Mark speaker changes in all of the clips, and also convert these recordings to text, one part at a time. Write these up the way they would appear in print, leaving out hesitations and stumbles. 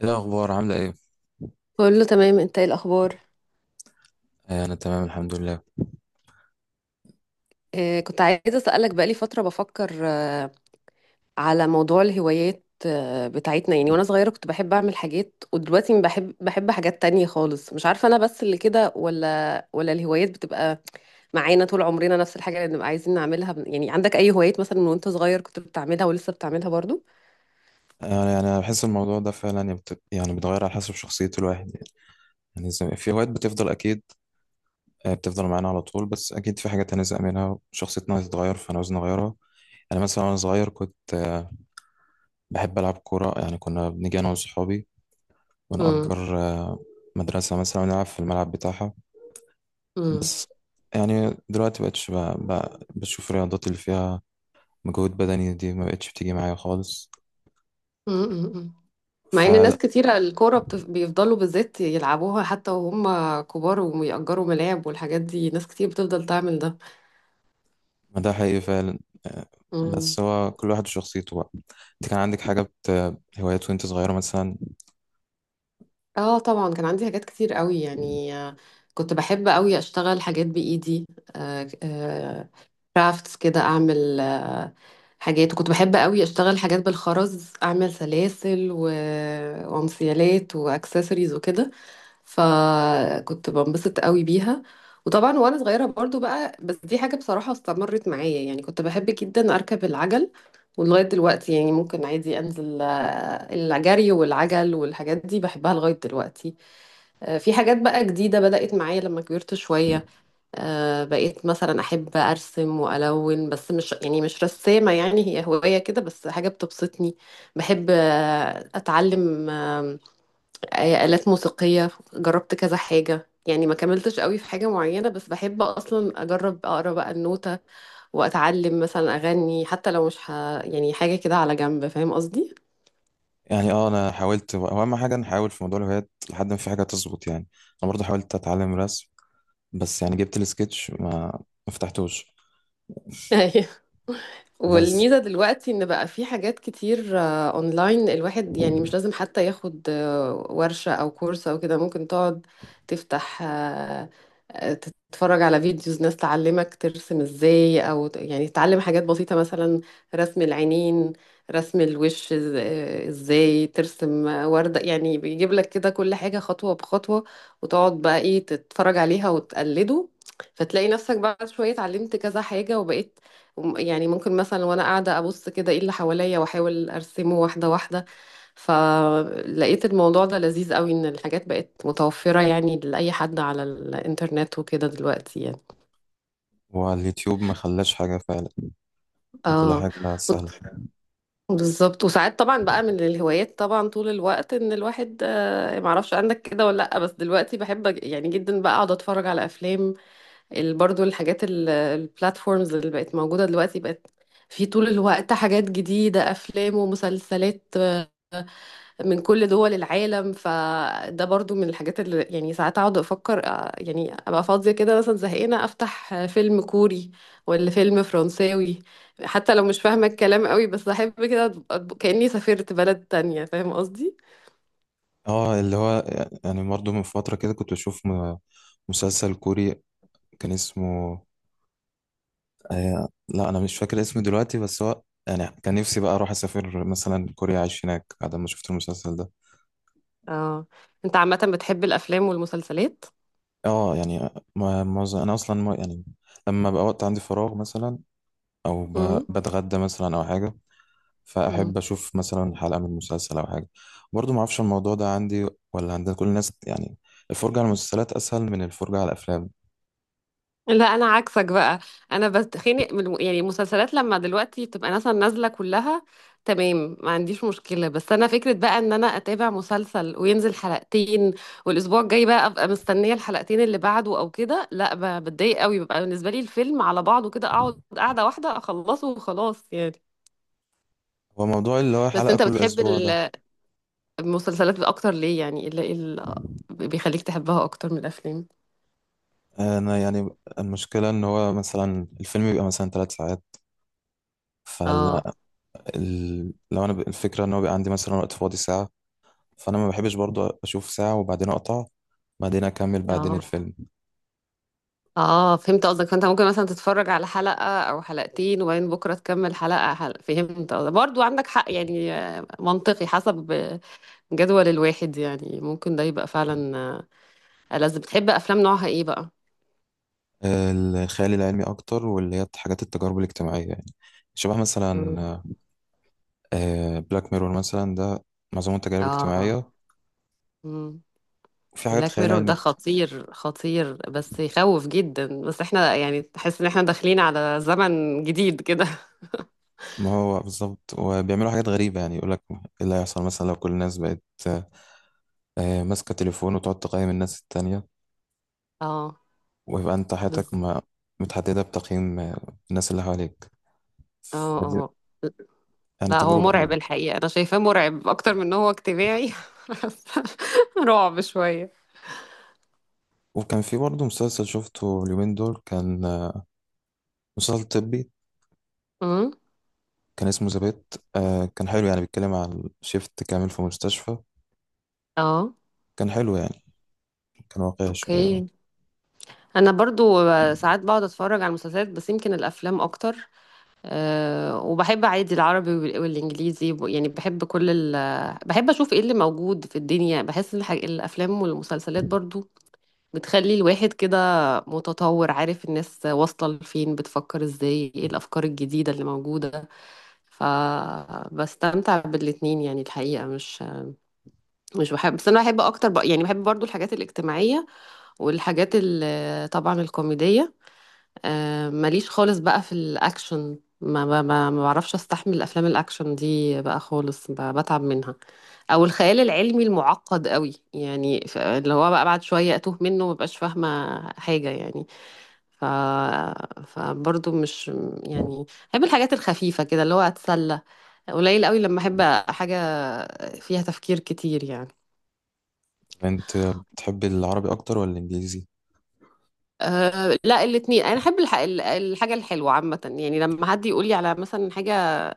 Speaker 1: ايه الاخبار عامله ايه؟
Speaker 2: كله تمام، انت ايه الاخبار؟
Speaker 1: آه، انا تمام الحمد لله.
Speaker 2: كنت عايزه اسالك، بقالي فتره بفكر على موضوع الهوايات بتاعتنا، يعني وانا صغيره كنت بحب اعمل حاجات، ودلوقتي ما بحب حاجات تانية خالص. مش عارفه انا بس اللي كده، ولا الهوايات بتبقى معانا طول عمرنا نفس الحاجه اللي بنبقى عايزين نعملها؟ يعني عندك اي هوايات مثلا من وانت صغير كنت بتعملها ولسه بتعملها برضو؟
Speaker 1: يعني انا بحس الموضوع ده فعلا يعني يعني بيتغير على حسب شخصيه الواحد. يعني في هوايات بتفضل اكيد. آه، بتفضل معانا على طول، بس اكيد في حاجات هنزهق منها، شخصيتنا هتتغير فانا عاوز نغيرها. انا مثلا وانا صغير كنت بحب العب كوره، يعني كنا بنيجي انا وصحابي
Speaker 2: امم.
Speaker 1: ونأجر مدرسه مثلا ونلعب في الملعب بتاعها. بس يعني دلوقتي بقتش بشوف الرياضات اللي فيها مجهود بدني دي، ما بقتش بتيجي معايا خالص،
Speaker 2: امم. مع ان ناس
Speaker 1: فلا.
Speaker 2: كتيرة الكورة بيفضلوا بالذات يلعبوها حتى وهم كبار، ويأجروا ملاعب والحاجات دي، ناس كتير بتفضل تعمل ده.
Speaker 1: ما ده حقيقي فعلا. آه.
Speaker 2: مم.
Speaker 1: بس هو كل واحد وشخصيته بقى. انت كان عندك حاجه هوايات وانت صغيره مثلا؟
Speaker 2: اه، طبعا كان عندي حاجات كتير قوي، يعني كنت بحب قوي اشتغل حاجات بايدي، كرافتس كده، اعمل حاجات. وكنت بحب قوي اشتغل حاجات بالخرز، اعمل سلاسل وانسيالات واكسسوارز وكده، فكنت بنبسط قوي بيها. وطبعا وانا صغيره برضو بقى، بس دي حاجه بصراحه استمرت معايا، يعني كنت بحب جدا اركب العجل، ولغايه دلوقتي يعني ممكن عادي انزل، الجري والعجل والحاجات دي بحبها لغايه دلوقتي. في حاجات بقى جديده بدات معايا لما كبرت شويه. بقيت مثلا احب ارسم والون، بس مش يعني مش رسامه، يعني هي هوايه كده بس، حاجه بتبسطني. بحب اتعلم آلات موسيقية، جربت كذا حاجة يعني ما كملتش قوي في حاجة معينة، بس بحب أصلا أجرب أقرأ بقى النوتة وأتعلم مثلا أغني، حتى لو مش يعني حاجة كده على جنب. فاهم قصدي؟
Speaker 1: يعني اه انا حاولت، هو اهم حاجه نحاول في موضوع الهوايات لحد ما في حاجه تظبط، يعني انا برضه حاولت اتعلم رسم، بس يعني جبت السكتش ما فتحتوش. بس
Speaker 2: والميزة دلوقتي ان بقى في حاجات كتير اونلاين، الواحد يعني مش لازم حتى ياخد ورشة او كورس او كده، ممكن تقعد تفتح آه، تتفرج على فيديوز ناس تعلمك ترسم ازاي، يعني تتعلم حاجات بسيطة مثلا رسم العينين، رسم الوش، ازاي ترسم وردة. يعني بيجيب لك كده كل حاجة خطوة بخطوة، وتقعد بقى ايه تتفرج عليها وتقلده، فتلاقي نفسك بعد شوية اتعلمت كذا حاجة وبقيت، يعني ممكن مثلا وانا قاعده ابص كده ايه اللي حواليا واحاول ارسمه واحده واحده. فلقيت الموضوع ده لذيذ قوي، ان الحاجات بقت متوفره يعني لاي حد على الانترنت وكده دلوقتي يعني.
Speaker 1: واليوتيوب ما خلاش حاجه فعلا، يعني كل
Speaker 2: اه،
Speaker 1: حاجه سهله.
Speaker 2: بالظبط. وساعات طبعا بقى من الهوايات، طبعا طول الوقت ان الواحد، معرفش عندك كده ولا لا، بس دلوقتي بحب يعني جدا بقى اقعد اتفرج على افلام. برضو الحاجات البلاتفورمز اللي بقت موجوده دلوقتي، بقت في طول الوقت حاجات جديده، افلام ومسلسلات من كل دول العالم. فده برضو من الحاجات اللي يعني ساعات اقعد افكر يعني ابقى فاضية كده مثلا، زهقانة، افتح فيلم كوري ولا فيلم فرنساوي. حتى لو مش فاهمة الكلام قوي، بس احب كده كأني سافرت بلد تانية. فاهم قصدي؟
Speaker 1: اه اللي هو، يعني برضه من فتره كده كنت بشوف مسلسل كوري كان اسمه، لا، انا مش فاكر اسمه دلوقتي، بس هو يعني كان نفسي بقى اروح اسافر مثلا كوريا اعيش هناك بعد ما شفت المسلسل ده.
Speaker 2: اه. انت عامة بتحب الافلام والمسلسلات؟
Speaker 1: اه يعني معظم، انا اصلا يعني لما بقى وقت عندي فراغ مثلا، او بتغدى مثلا او حاجه،
Speaker 2: امم.
Speaker 1: فاحب اشوف مثلا حلقه من مسلسل او حاجه. برضو ما اعرفش الموضوع ده عندي ولا عند كل الناس، يعني الفرجه على المسلسلات اسهل من الفرجه على الافلام.
Speaker 2: لا، انا عكسك بقى. انا بتخنق من يعني المسلسلات لما دلوقتي بتبقى مثلا نازله كلها تمام، ما عنديش مشكله. بس انا فكره بقى ان انا اتابع مسلسل وينزل حلقتين، والاسبوع الجاي بقى ابقى مستنيه الحلقتين اللي بعده او كده، لا، بتضايق قوي. بيبقى بالنسبه لي الفيلم على بعضه كده، اقعد قاعده واحده اخلصه وخلاص يعني.
Speaker 1: هو موضوع اللي هو
Speaker 2: بس
Speaker 1: حلقه
Speaker 2: انت
Speaker 1: كل
Speaker 2: بتحب
Speaker 1: اسبوع ده.
Speaker 2: المسلسلات اكتر ليه؟ يعني ايه اللي إيه اللي بيخليك تحبها اكتر من الافلام؟
Speaker 1: انا يعني المشكله ان هو مثلا الفيلم بيبقى مثلا 3 ساعات،
Speaker 2: اه،
Speaker 1: فلا. لو انا، الفكره ان هو بيبقى عندي مثلا وقت فاضي ساعه، فانا ما بحبش برضو اشوف ساعه وبعدين اقطع، بعدين اكمل بعدين
Speaker 2: اه،
Speaker 1: الفيلم.
Speaker 2: اه، فهمت قصدك. فانت ممكن مثلا تتفرج على حلقة او حلقتين، وبعدين بكرة تكمل حلقة، حلقة. فهمت قصدك، برضو عندك حق. يعني منطقي، حسب جدول الواحد، يعني ممكن ده يبقى فعلا ألذ. بتحب افلام نوعها ايه بقى؟
Speaker 1: آه، الخيال العلمي اكتر، واللي هي حاجات التجارب الاجتماعيه يعني، شبه
Speaker 2: مم.
Speaker 1: مثلا بلاك ميرور، مثلا ده معظمه تجارب
Speaker 2: اه.
Speaker 1: اجتماعيه.
Speaker 2: امم
Speaker 1: وفي حاجات
Speaker 2: بلاك
Speaker 1: خيال
Speaker 2: ميرور
Speaker 1: علمي
Speaker 2: ده خطير، خطير، بس يخوف جدا. بس احنا يعني تحس ان احنا داخلين على زمن جديد كده.
Speaker 1: ما هو بالظبط، وبيعملوا حاجات غريبه، يعني يقول لك ايه اللي هيحصل مثلا لو كل الناس بقت ماسكه تليفون وتقعد تقيم الناس التانية،
Speaker 2: اه.
Speaker 1: ويبقى انت حياتك
Speaker 2: بز...
Speaker 1: ما متحدده بتقييم الناس اللي حواليك،
Speaker 2: اه،
Speaker 1: فدي
Speaker 2: اه،
Speaker 1: يعني
Speaker 2: لا هو
Speaker 1: تجربه
Speaker 2: مرعب
Speaker 1: حلوه.
Speaker 2: الحقيقة، أنا شايفاه مرعب أكتر من إن هو اجتماعي. رعب شوية.
Speaker 1: وكان في برضه مسلسل شفته اليومين دول، كان مسلسل طبي،
Speaker 2: امم
Speaker 1: كان اسمه ذا. آه، كان حلو يعني، بيتكلم عن شيفت كامل في مستشفى،
Speaker 2: اه،
Speaker 1: كان حلو يعني، كان واقعي شوية اه.
Speaker 2: اوكي. انا برضو ساعات بقعد اتفرج على المسلسلات، بس يمكن الافلام اكتر. أه، وبحب عادي العربي والانجليزي، يعني بحب كل بحب اشوف ايه اللي موجود في الدنيا، بحس الافلام والمسلسلات برضو بتخلي الواحد كده متطور، عارف الناس واصلة لفين، بتفكر ازاي، ايه الافكار الجديدة اللي موجودة. فبستمتع بالاتنين يعني الحقيقة، مش بحب، بس انا بحب اكتر يعني بحب برضو الحاجات الاجتماعية والحاجات طبعا الكوميدية. ماليش خالص بقى في الاكشن، ما بعرفش استحمل افلام الاكشن دي بقى خالص، بتعب منها. او الخيال العلمي المعقد قوي يعني، اللي هو بقى بعد شوية اتوه منه ومبقاش فاهمة حاجة يعني. ف... فبرضه مش، يعني، بحب الحاجات الخفيفة كده، اللي هو أتسلى. قليل قوي لما أحب حاجة فيها تفكير كتير يعني.
Speaker 1: طب انت بتحب العربي اكتر ولا الانجليزي؟
Speaker 2: أه، لا، الاتنين. أنا أحب الحاجة الحلوة عامة، يعني لما حد يقول لي على مثلا حاجة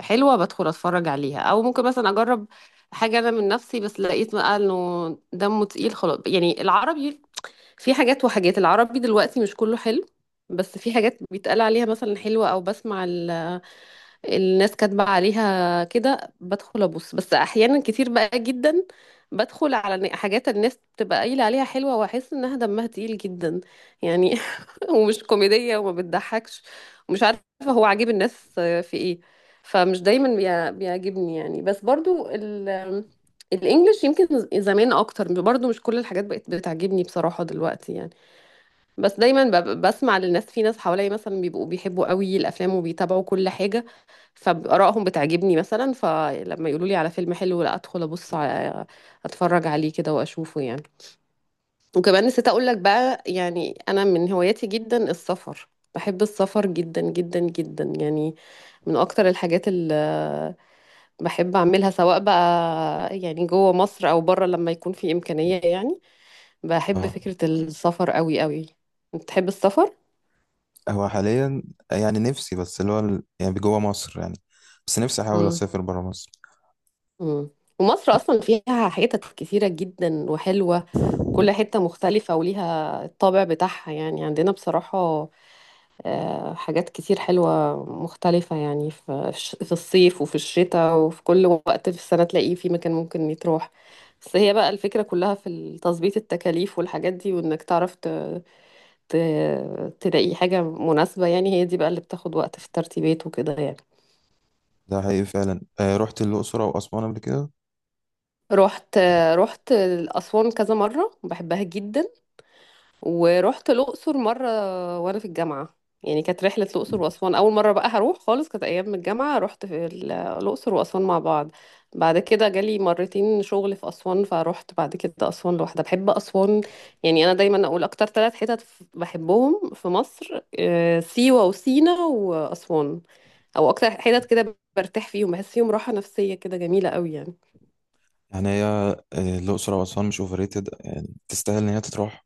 Speaker 2: حلوة بدخل أتفرج عليها، أو ممكن مثلا أجرب حاجة أنا من نفسي. بس لقيت بقى إنه دمه تقيل خلاص يعني العربي، في حاجات وحاجات، العربي دلوقتي مش كله حلو. بس في حاجات بيتقال عليها مثلا حلوة، أو بسمع الناس كاتبة عليها كده بدخل أبص، بس أحيانا كتير بقى جدا بدخل على حاجات الناس بتبقى قايلة عليها حلوة، وأحس إنها دمها تقيل جدا يعني. ومش كوميدية وما بتضحكش، ومش عارفة هو عاجب الناس في إيه. فمش دايما بيعجبني يعني. بس برضو الإنجليش، يمكن زمان أكتر، برضو مش كل الحاجات بقت بتعجبني بصراحة دلوقتي يعني. بس دايما بسمع للناس، في ناس حواليا مثلا بيبقوا بيحبوا قوي الافلام وبيتابعوا كل حاجه، فارائهم بتعجبني مثلا، فلما يقولوا لي على فيلم حلو، لا، ادخل ابص على اتفرج عليه كده واشوفه يعني. وكمان نسيت اقول لك بقى، يعني انا من هواياتي جدا السفر، بحب السفر جدا جدا جدا يعني، من اكتر الحاجات اللي بحب اعملها، سواء بقى يعني جوه مصر او بره لما يكون في امكانيه يعني. بحب
Speaker 1: اه،
Speaker 2: فكره السفر قوي قوي. بتحب السفر؟
Speaker 1: هو حاليا يعني نفسي بس اللي هو يعني جوه مصر، يعني بس نفسي احاول اسافر برا مصر.
Speaker 2: مم. ومصر اصلا فيها حتت كتيره جدا وحلوه، وكل حته مختلفه وليها الطابع بتاعها، يعني عندنا بصراحه حاجات كتير حلوه مختلفه، يعني في في الصيف وفي الشتاء وفي كل وقت في السنه تلاقيه في مكان ممكن يتروح. بس هي بقى الفكره كلها في تظبيط التكاليف والحاجات دي، وانك تعرف ت... تلاقي حاجه مناسبه، يعني هي دي بقى اللي بتاخد وقت في الترتيبات وكده يعني.
Speaker 1: ده حقيقي فعلا، رحت الاقصر او اسوان قبل كده.
Speaker 2: رحت رحت أسوان كذا مرة، بحبها جدا، ورحت الأقصر مرة وأنا في الجامعة، يعني كانت رحلة الأقصر وأسوان أول مرة بقى هروح خالص، كانت أيام الجامعة، رحت في الأقصر وأسوان مع بعض. بعد كده جالي مرتين شغل في أسوان فروحت بعد كده أسوان لوحدها، بحب أسوان. يعني أنا دايما أقول أكتر ثلاث حتت بحبهم في مصر سيوة وسينا وأسوان، أو أكتر حتت كده برتاح فيهم، بحس فيهم راحة نفسية كده جميلة قوي يعني.
Speaker 1: يعني هي الاقصر او اسوان مش اوفريتد، يعني تستاهل ان هي تتروح.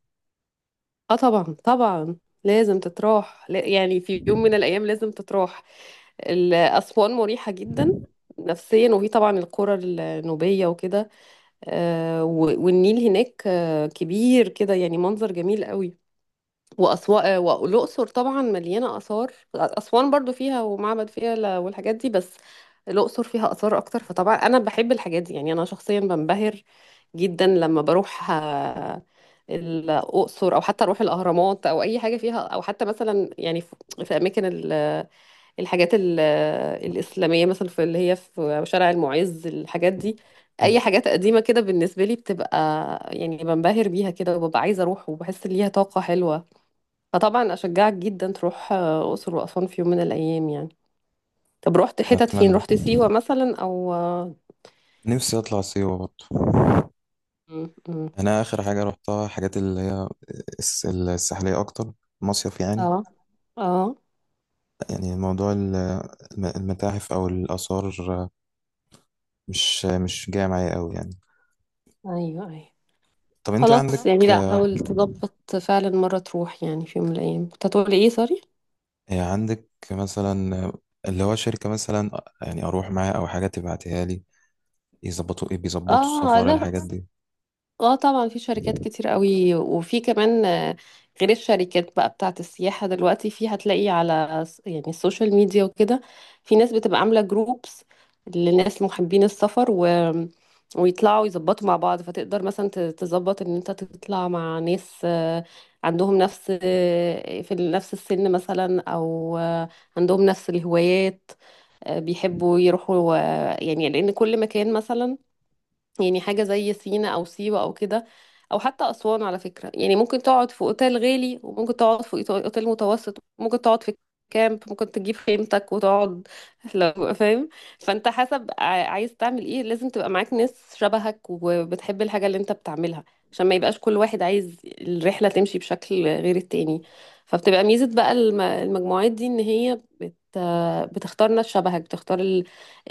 Speaker 2: اه، طبعا، طبعا لازم تتراح، يعني في يوم من الأيام لازم تتراح. أسوان مريحة جدا نفسيا، وهي طبعا القرى النوبية وكده، والنيل هناك كبير كده، يعني منظر جميل قوي. وأسوان والأقصر طبعا مليانة آثار، أسوان برضو فيها ومعبد فيها والحاجات دي، بس الأقصر فيها آثار أكتر. فطبعا أنا بحب الحاجات دي يعني، أنا شخصيا بنبهر جدا لما بروح الأقصر، أو حتى أروح الأهرامات أو أي حاجة فيها، أو حتى مثلا يعني في أماكن الحاجات الإسلامية، مثلا في اللي هي في شارع المعز، الحاجات دي. أي
Speaker 1: مم.
Speaker 2: حاجات قديمة كده بالنسبة لي بتبقى يعني بنبهر بيها كده، وببقى عايزة أروح وبحس إن ليها طاقة حلوة. فطبعا اشجعك جدا تروح الاقصر واسوان في يوم من الايام يعني. طب رحت حتت فين؟
Speaker 1: أتمنى
Speaker 2: رحت سيوه مثلا او اه؟
Speaker 1: نفسي أطلع سيوة برضه.
Speaker 2: م. م.
Speaker 1: يعني أنا آخر حاجة روحتها حاجات اللي هي الساحلية أكتر، مصيف يعني.
Speaker 2: اه. آه.
Speaker 1: يعني موضوع المتاحف أو الآثار، مش جاي معايا أوي يعني.
Speaker 2: ايوه، ايوه،
Speaker 1: طب أنت
Speaker 2: خلاص يعني، لا، حاول تظبط فعلا مره تروح، يعني في يوم من الايام. كنت هتقولي ايه؟ سوري.
Speaker 1: عندك مثلا، اللي هو شركة مثلا يعني أروح معاها أو حاجة تبعتها لي، يظبطوا إيه، بيظبطوا
Speaker 2: اه،
Speaker 1: السفر
Speaker 2: لا.
Speaker 1: الحاجات دي؟
Speaker 2: اه، طبعا في شركات كتير قوي، وفي كمان غير الشركات بقى بتاعت السياحة، دلوقتي في هتلاقي على يعني السوشيال ميديا وكده، في ناس بتبقى عاملة جروبس لناس محبين السفر ويطلعوا يظبطوا مع بعض. فتقدر مثلا تظبط ان انت تطلع مع ناس عندهم نفس السن مثلا، او عندهم نفس الهوايات، بيحبوا يروحوا يعني لان كل مكان مثلا يعني حاجة زي سينا أو سيوة أو كده، أو حتى أسوان على فكرة، يعني ممكن تقعد في أوتيل غالي، وممكن تقعد في أوتيل متوسط، ممكن تقعد في كامب، ممكن تجيب خيمتك وتقعد. لو فاهم. فأنت حسب عايز تعمل إيه، لازم تبقى معاك ناس شبهك وبتحب الحاجة اللي أنت بتعملها، عشان ما يبقاش كل واحد عايز الرحلة تمشي بشكل غير التاني. فبتبقى ميزة بقى المجموعات دي إن هي بتختار ناس شبهك، بتختار،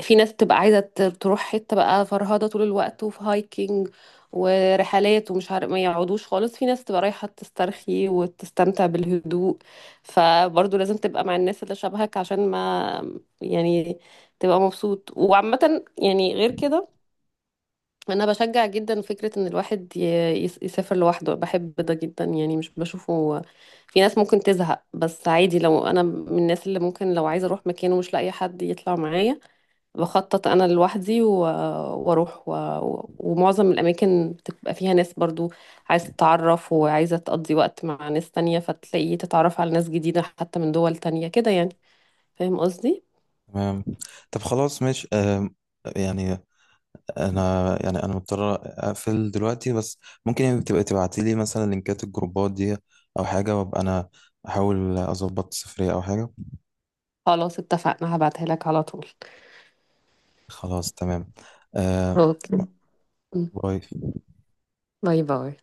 Speaker 2: في ناس بتبقى عايزة تروح حتة بقى فرهضة طول الوقت وفي هايكنج ورحلات ومش عارف، ما يقعدوش خالص، في ناس تبقى رايحة تسترخي وتستمتع بالهدوء. فبرضه لازم تبقى مع الناس اللي شبهك عشان ما، يعني، تبقى مبسوط. وعامة يعني غير كده، انا بشجع جدا فكرة ان الواحد يسافر لوحده، بحب ده جدا يعني، مش بشوفه، في ناس ممكن تزهق بس عادي. لو انا من الناس اللي ممكن لو عايزة اروح مكان ومش لاقية حد يطلع معايا، بخطط انا لوحدي واروح ومعظم الاماكن بتبقى فيها ناس برضو عايزه تتعرف وعايزه تقضي وقت مع ناس تانية، فتلاقي تتعرف على ناس جديده حتى من دول تانية كده يعني. فاهم قصدي؟
Speaker 1: تمام. طب خلاص ماشي، يعني انا يعني انا مضطر اقفل دلوقتي. بس ممكن يعني تبقى تبعتي لي مثلا لينكات الجروبات دي او حاجه، وابقى انا احاول اظبط سفريه او حاجه.
Speaker 2: خلاص، اتفقنا، هبعتها لك على طول.
Speaker 1: خلاص تمام. آه.
Speaker 2: اوكي. م.
Speaker 1: باي.
Speaker 2: باي، باي.